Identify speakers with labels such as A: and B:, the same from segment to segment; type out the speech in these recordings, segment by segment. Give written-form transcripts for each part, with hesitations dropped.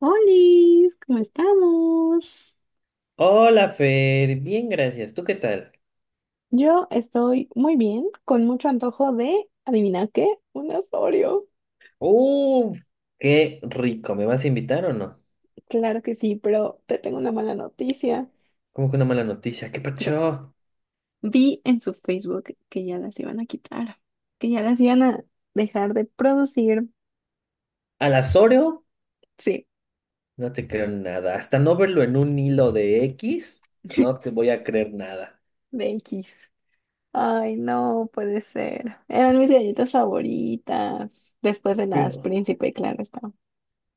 A: Hola, ¿cómo estamos?
B: Hola Fer, bien gracias. ¿Tú qué tal?
A: Yo estoy muy bien, con mucho antojo de, ¿adivina qué? Un Asorio.
B: ¡Uf! ¡Qué rico! ¿Me vas a invitar o no?
A: Claro que sí, pero te tengo una mala noticia.
B: ¿Cómo que una mala noticia? ¿Qué
A: Cre-
B: pacho?
A: Vi en su Facebook que ya las iban a quitar, que ya las iban a dejar de producir.
B: ¿Al Azorio?
A: Sí,
B: No te creo nada. Hasta no verlo en un hilo de X, no te voy a creer nada.
A: de X. Ay, no puede ser. Eran mis galletas favoritas, después de las
B: Pero,
A: Príncipe, claro está.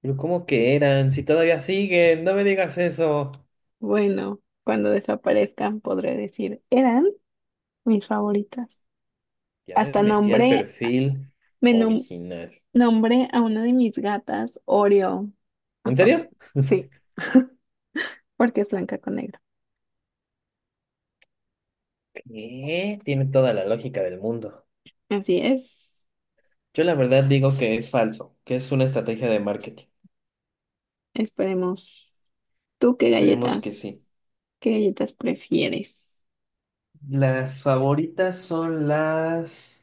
B: pero ¿cómo que eran? Si todavía siguen, no me digas eso.
A: Bueno, cuando desaparezcan podré decir, eran mis favoritas.
B: Ya me
A: Hasta
B: metí al
A: nombré,
B: perfil
A: me nom-
B: original.
A: Nombré a una de mis gatas Oreo. a
B: ¿En
A: fa-
B: serio?
A: Sí, porque es blanca con negro.
B: ¿Qué? Tiene toda la lógica del mundo.
A: Así es.
B: Yo la verdad digo que es falso, que es una estrategia de marketing.
A: Esperemos. ¿Tú qué
B: Esperemos que
A: galletas,
B: sí.
A: ¿Qué galletas prefieres?
B: Las favoritas son las,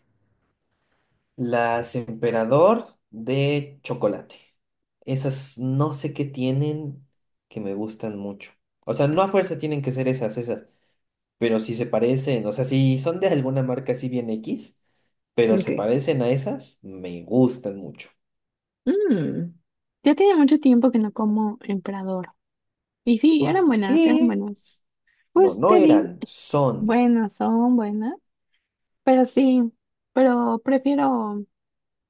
B: las Emperador de chocolate. Esas no sé qué tienen que me gustan mucho. O sea, no a fuerza tienen que ser esas, pero si se parecen, o sea, si son de alguna marca así bien X, pero se
A: Ok.
B: parecen a esas, me gustan mucho.
A: Mm, ya tenía mucho tiempo que no como emperador. Y sí,
B: ¿Por
A: eran buenas, eran
B: qué?
A: buenas.
B: No,
A: Pues
B: no
A: te di,
B: eran, son.
A: buenas son buenas, pero sí, pero prefiero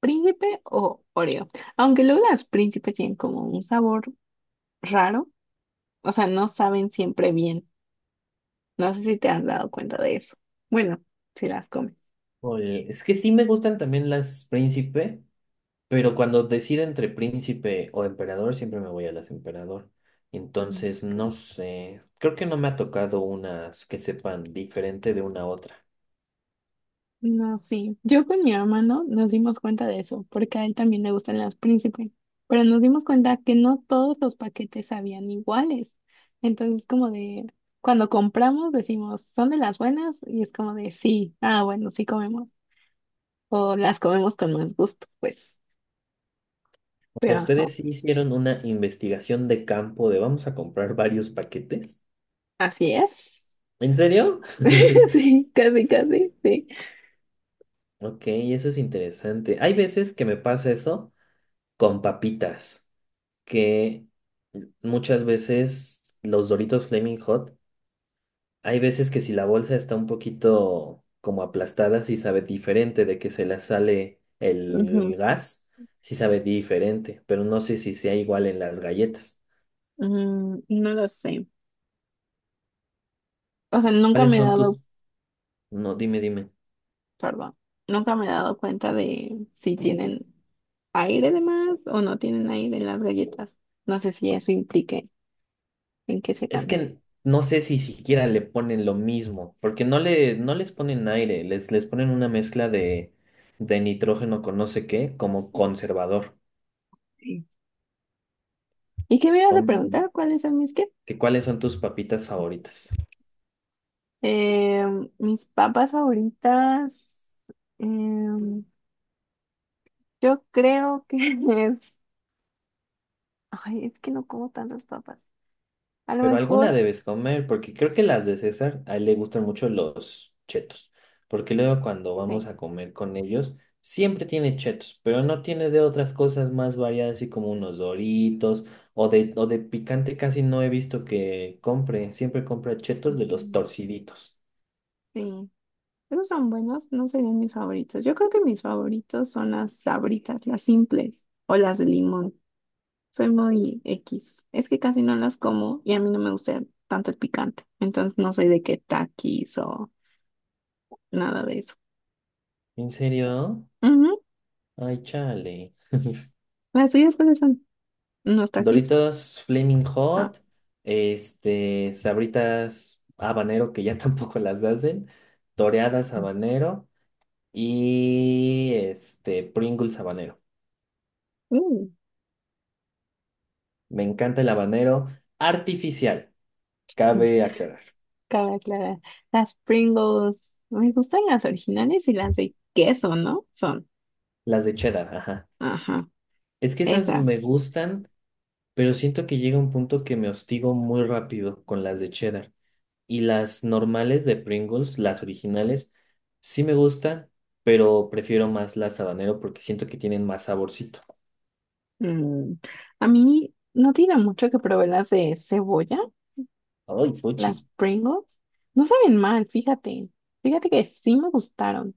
A: Príncipe o Oreo. Aunque luego las príncipes tienen como un sabor raro, o sea, no saben siempre bien. No sé si te has dado cuenta de eso. Bueno, si las comes.
B: Oye, es que sí me gustan también las Príncipe, pero cuando decida entre príncipe o emperador, siempre me voy a las emperador.
A: Mm.
B: Entonces, no sé, creo que no me ha tocado unas que sepan diferente de una a otra.
A: No, sí. Yo con mi hermano nos dimos cuenta de eso, porque a él también le gustan las príncipes. Pero nos dimos cuenta que no todos los paquetes sabían iguales. Entonces, como de, cuando compramos decimos, ¿son de las buenas? Y es como de, sí, ah, bueno, sí comemos. O las comemos con más gusto, pues.
B: O sea,
A: Pero ajá.
B: ustedes sí hicieron una investigación de campo de vamos a comprar varios paquetes.
A: Así es.
B: ¿En serio?
A: Sí, casi, casi, sí.
B: Ok, eso es interesante. Hay veces que me pasa eso con papitas, que muchas veces los Doritos Flaming Hot. Hay veces que si la bolsa está un poquito como aplastada, sí sabe diferente de que se le sale el,
A: Ujú.
B: el gas, sí sabe diferente, pero no sé si sea igual en las galletas.
A: Mm, no lo sé. O sea, nunca
B: ¿Cuáles
A: me he
B: son
A: dado,
B: tus...? No, dime.
A: perdón, nunca me he dado cuenta de si tienen aire de más o no tienen aire en las galletas. No sé si eso implique en que
B: Es
A: sepan.
B: que no sé si siquiera le ponen lo mismo, porque no les ponen aire, les ponen una mezcla de nitrógeno con no sé qué, como conservador.
A: Sí. ¿Y qué me ibas a
B: Son-
A: preguntar? ¿Cuáles son mis qué?
B: ¿Que cuáles son tus papitas favoritas?
A: Mis papas favoritas. em, yo creo que es. Ay, es que no como tantas papas. A lo
B: Pero alguna
A: mejor,
B: debes comer, porque creo que las de César, a él le gustan mucho los chetos. Porque luego cuando
A: sí.
B: vamos a comer con ellos, siempre tiene chetos, pero no tiene de otras cosas más variadas, así como unos doritos o o de picante casi no he visto que compre. Siempre compra chetos de los torciditos.
A: Sí, esos son buenos, no serían mis favoritos. Yo creo que mis favoritos son las sabritas, las simples o las de limón. Soy muy X. Es que casi no las como y a mí no me gusta tanto el picante. Entonces no soy de que taquis o nada de eso.
B: ¿En serio?
A: Ujú.
B: Ay, chale.
A: ¿Las tuyas cuáles son? ¿Unos taquis?
B: Doritos Flaming
A: Ah.
B: Hot, Sabritas habanero que ya tampoco las hacen, toreadas habanero. Y Pringles habanero.
A: Uh,
B: Me encanta el habanero artificial, cabe aclarar.
A: cabe aclarar. Las Pringles. Me gustan las originales y las de queso, ¿no? Son.
B: Las de cheddar, ajá.
A: Ajá.
B: Es que esas me
A: Esas.
B: gustan, pero siento que llega un punto que me hostigo muy rápido con las de cheddar. Y las normales de Pringles, las originales, sí me gustan, pero prefiero más las habanero porque siento que tienen más saborcito.
A: Mm, a mí no tiene mucho que probé las de cebolla,
B: ¡Ay,
A: las
B: fuchi!
A: Pringles. No saben mal, fíjate. Fíjate que sí me gustaron.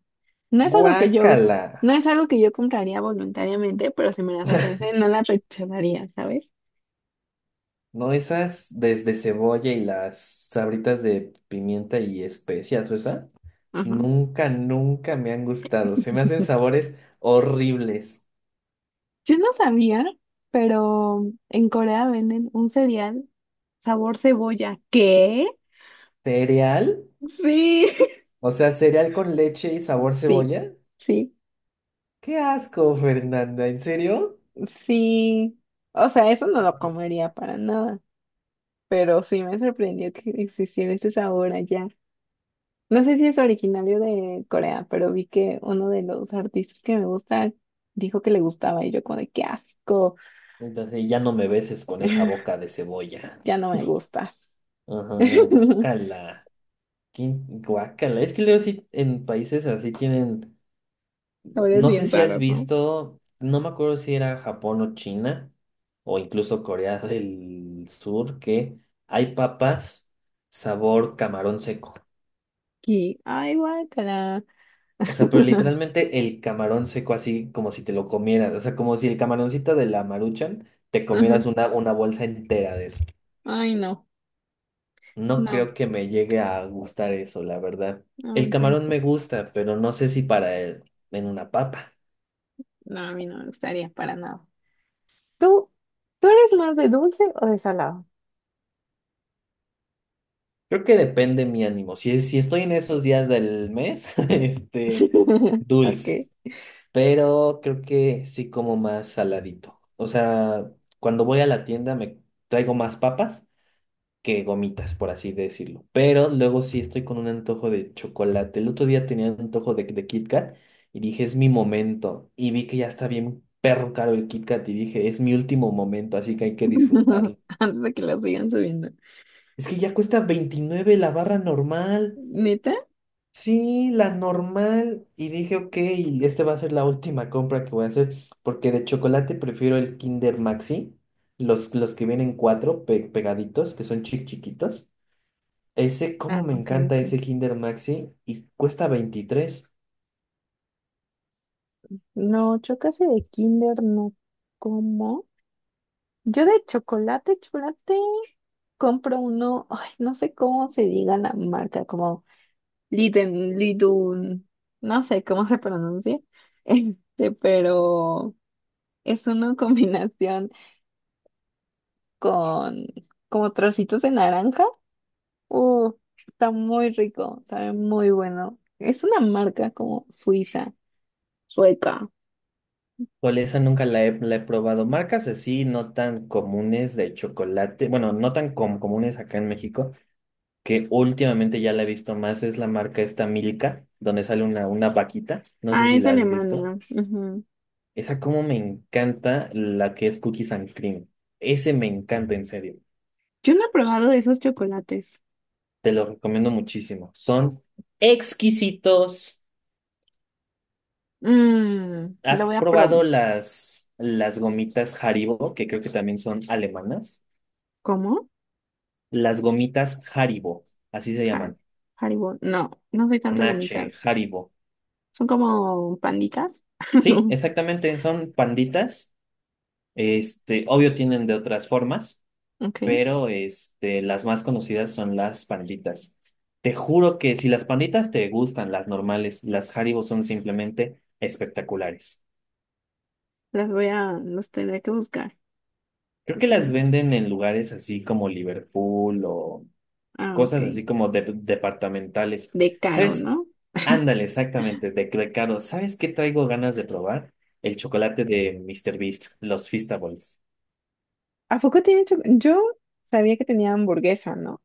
A: No es algo que yo,
B: ¡Guácala!
A: no es algo que yo compraría voluntariamente, pero si me las ofrecen, no las rechazaría, ¿sabes?
B: No, esas desde cebolla y las sabritas de pimienta y especias, o esa,
A: Ajá.
B: nunca me han gustado. Se me hacen sabores horribles.
A: Yo no sabía, pero en Corea venden un cereal sabor cebolla. ¿Qué?
B: ¿Cereal?
A: Sí,
B: O sea, cereal con leche y sabor
A: sí,
B: cebolla.
A: sí,
B: ¡Qué asco, Fernanda! ¿En serio?
A: sí. O sea, eso no lo comería para nada. Pero sí me sorprendió que existiera ese sabor allá. No sé si es originario de Corea, pero vi que uno de los artistas que me gusta dijo que le gustaba y yo como de qué asco,
B: Entonces ya no me beses con esa boca de cebolla.
A: ya no me gustas.
B: Ajá, guacala. ¿Qué guacala? Es que luego sí en países así tienen.
A: Sabores
B: No sé
A: bien
B: si has
A: raros, ¿no?
B: visto, no me acuerdo si era Japón o China, o incluso Corea del Sur, que hay papas sabor camarón seco.
A: Y, ay, guácala.
B: O sea, pero literalmente el camarón seco así como si te lo comieras. O sea, como si el camaroncito de la Maruchan te
A: Ajá.
B: comieras una bolsa entera de eso.
A: Ay, no,
B: No
A: no,
B: creo que me llegue a gustar eso, la verdad.
A: no, a
B: El
A: mí
B: camarón me
A: tampoco.
B: gusta, pero no sé si para él en una papa.
A: No, a mí no me gustaría para nada. ¿Tú, ¿tú eres más de dulce o de salado?
B: Creo que depende mi ánimo. Si estoy en esos días del mes,
A: Ok.
B: dulce. Pero creo que sí como más saladito. O sea, cuando voy a la tienda me traigo más papas que gomitas, por así decirlo. Pero luego sí estoy con un antojo de chocolate. El otro día tenía un antojo de Kit Kat y dije, es mi momento. Y vi que ya está bien perro caro el Kit Kat y dije, es mi último momento, así que hay que disfrutarlo.
A: Antes de que lo sigan subiendo.
B: Es que ya cuesta 29 la barra normal.
A: ¿Neta?
B: Sí, la normal. Y dije, ok, esta va a ser la última compra que voy a hacer, porque de chocolate prefiero el Kinder Maxi, los que vienen cuatro pegaditos, que son chic chiquitos. Ese,
A: Ah,
B: cómo me
A: ok,
B: encanta
A: ok.
B: ese Kinder Maxi y cuesta 23.
A: No, yo casi de Kinder no como. Yo de chocolate, chocolate, compro uno, ay, no sé cómo se diga la marca, como Liden, Lidun, no sé cómo se pronuncia, este, pero es una combinación con como trocitos de naranja. Uh, está muy rico, sabe muy bueno. Es una marca como suiza, sueca.
B: Con esa nunca la he probado. Marcas así no tan comunes de chocolate, bueno, no tan comunes acá en México, que últimamente ya la he visto más, es la marca esta Milka, donde sale una vaquita. No sé
A: Ah,
B: si
A: es
B: la has visto.
A: alemana. Ujú.
B: Esa como me encanta la que es Cookies and Cream. Ese me encanta, en serio.
A: Yo no he probado esos chocolates.
B: Te lo recomiendo muchísimo. Son exquisitos.
A: Mmm, lo voy
B: ¿Has
A: a probar.
B: probado las gomitas Haribo, que creo que también son alemanas?
A: ¿Cómo?
B: Las gomitas Haribo, así se
A: Har-
B: llaman.
A: Haribo. No, no soy tanto
B: Con
A: de
B: H,
A: gomitas.
B: Haribo.
A: Son como panditas.
B: Sí, exactamente. Son panditas. Obvio tienen de otras formas,
A: Ok.
B: pero las más conocidas son las panditas. Te juro que si las panditas te gustan, las normales, las Haribo son simplemente espectaculares.
A: Las voy a, los tendré que buscar.
B: Creo
A: Lo
B: que
A: tendré
B: las
A: que-
B: venden en lugares así como Liverpool o
A: Ah, ok.
B: cosas así como departamentales.
A: De caro,
B: ¿Sabes?
A: ¿no?
B: Ándale, exactamente, de caro. ¿Sabes qué traigo ganas de probar? El chocolate de Mr. Beast, los Feastables.
A: ¿A poco tienen chocolate? Yo sabía que tenía hamburguesa, ¿no?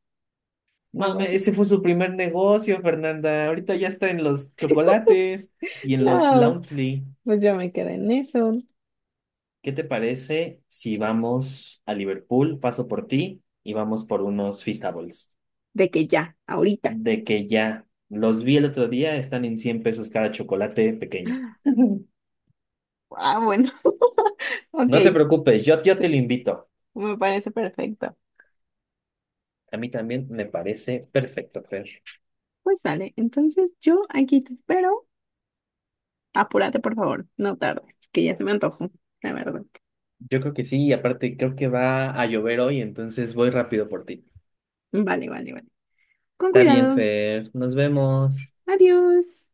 A: O
B: No,
A: algo así.
B: ese fue su primer negocio, Fernanda. Ahorita ya está en los chocolates y en los
A: No,
B: Loungely.
A: pues yo me quedé en eso.
B: ¿Qué te parece si vamos a Liverpool, paso por ti y vamos por unos Feastables?
A: De que ya, ahorita.
B: De que ya los vi el otro día, están en $100 cada chocolate pequeño.
A: Ah, bueno. Ok,
B: No te preocupes, yo te lo invito.
A: me parece perfecto.
B: A mí también me parece perfecto, Fer.
A: Pues sale. Entonces yo aquí te espero. Apúrate, por favor. No tardes, que ya se me antojó, la verdad.
B: Yo creo que sí, y aparte creo que va a llover hoy, entonces voy rápido por ti.
A: Vale, vale, vale. Con
B: Está bien,
A: cuidado.
B: Fer, nos vemos.
A: Adiós.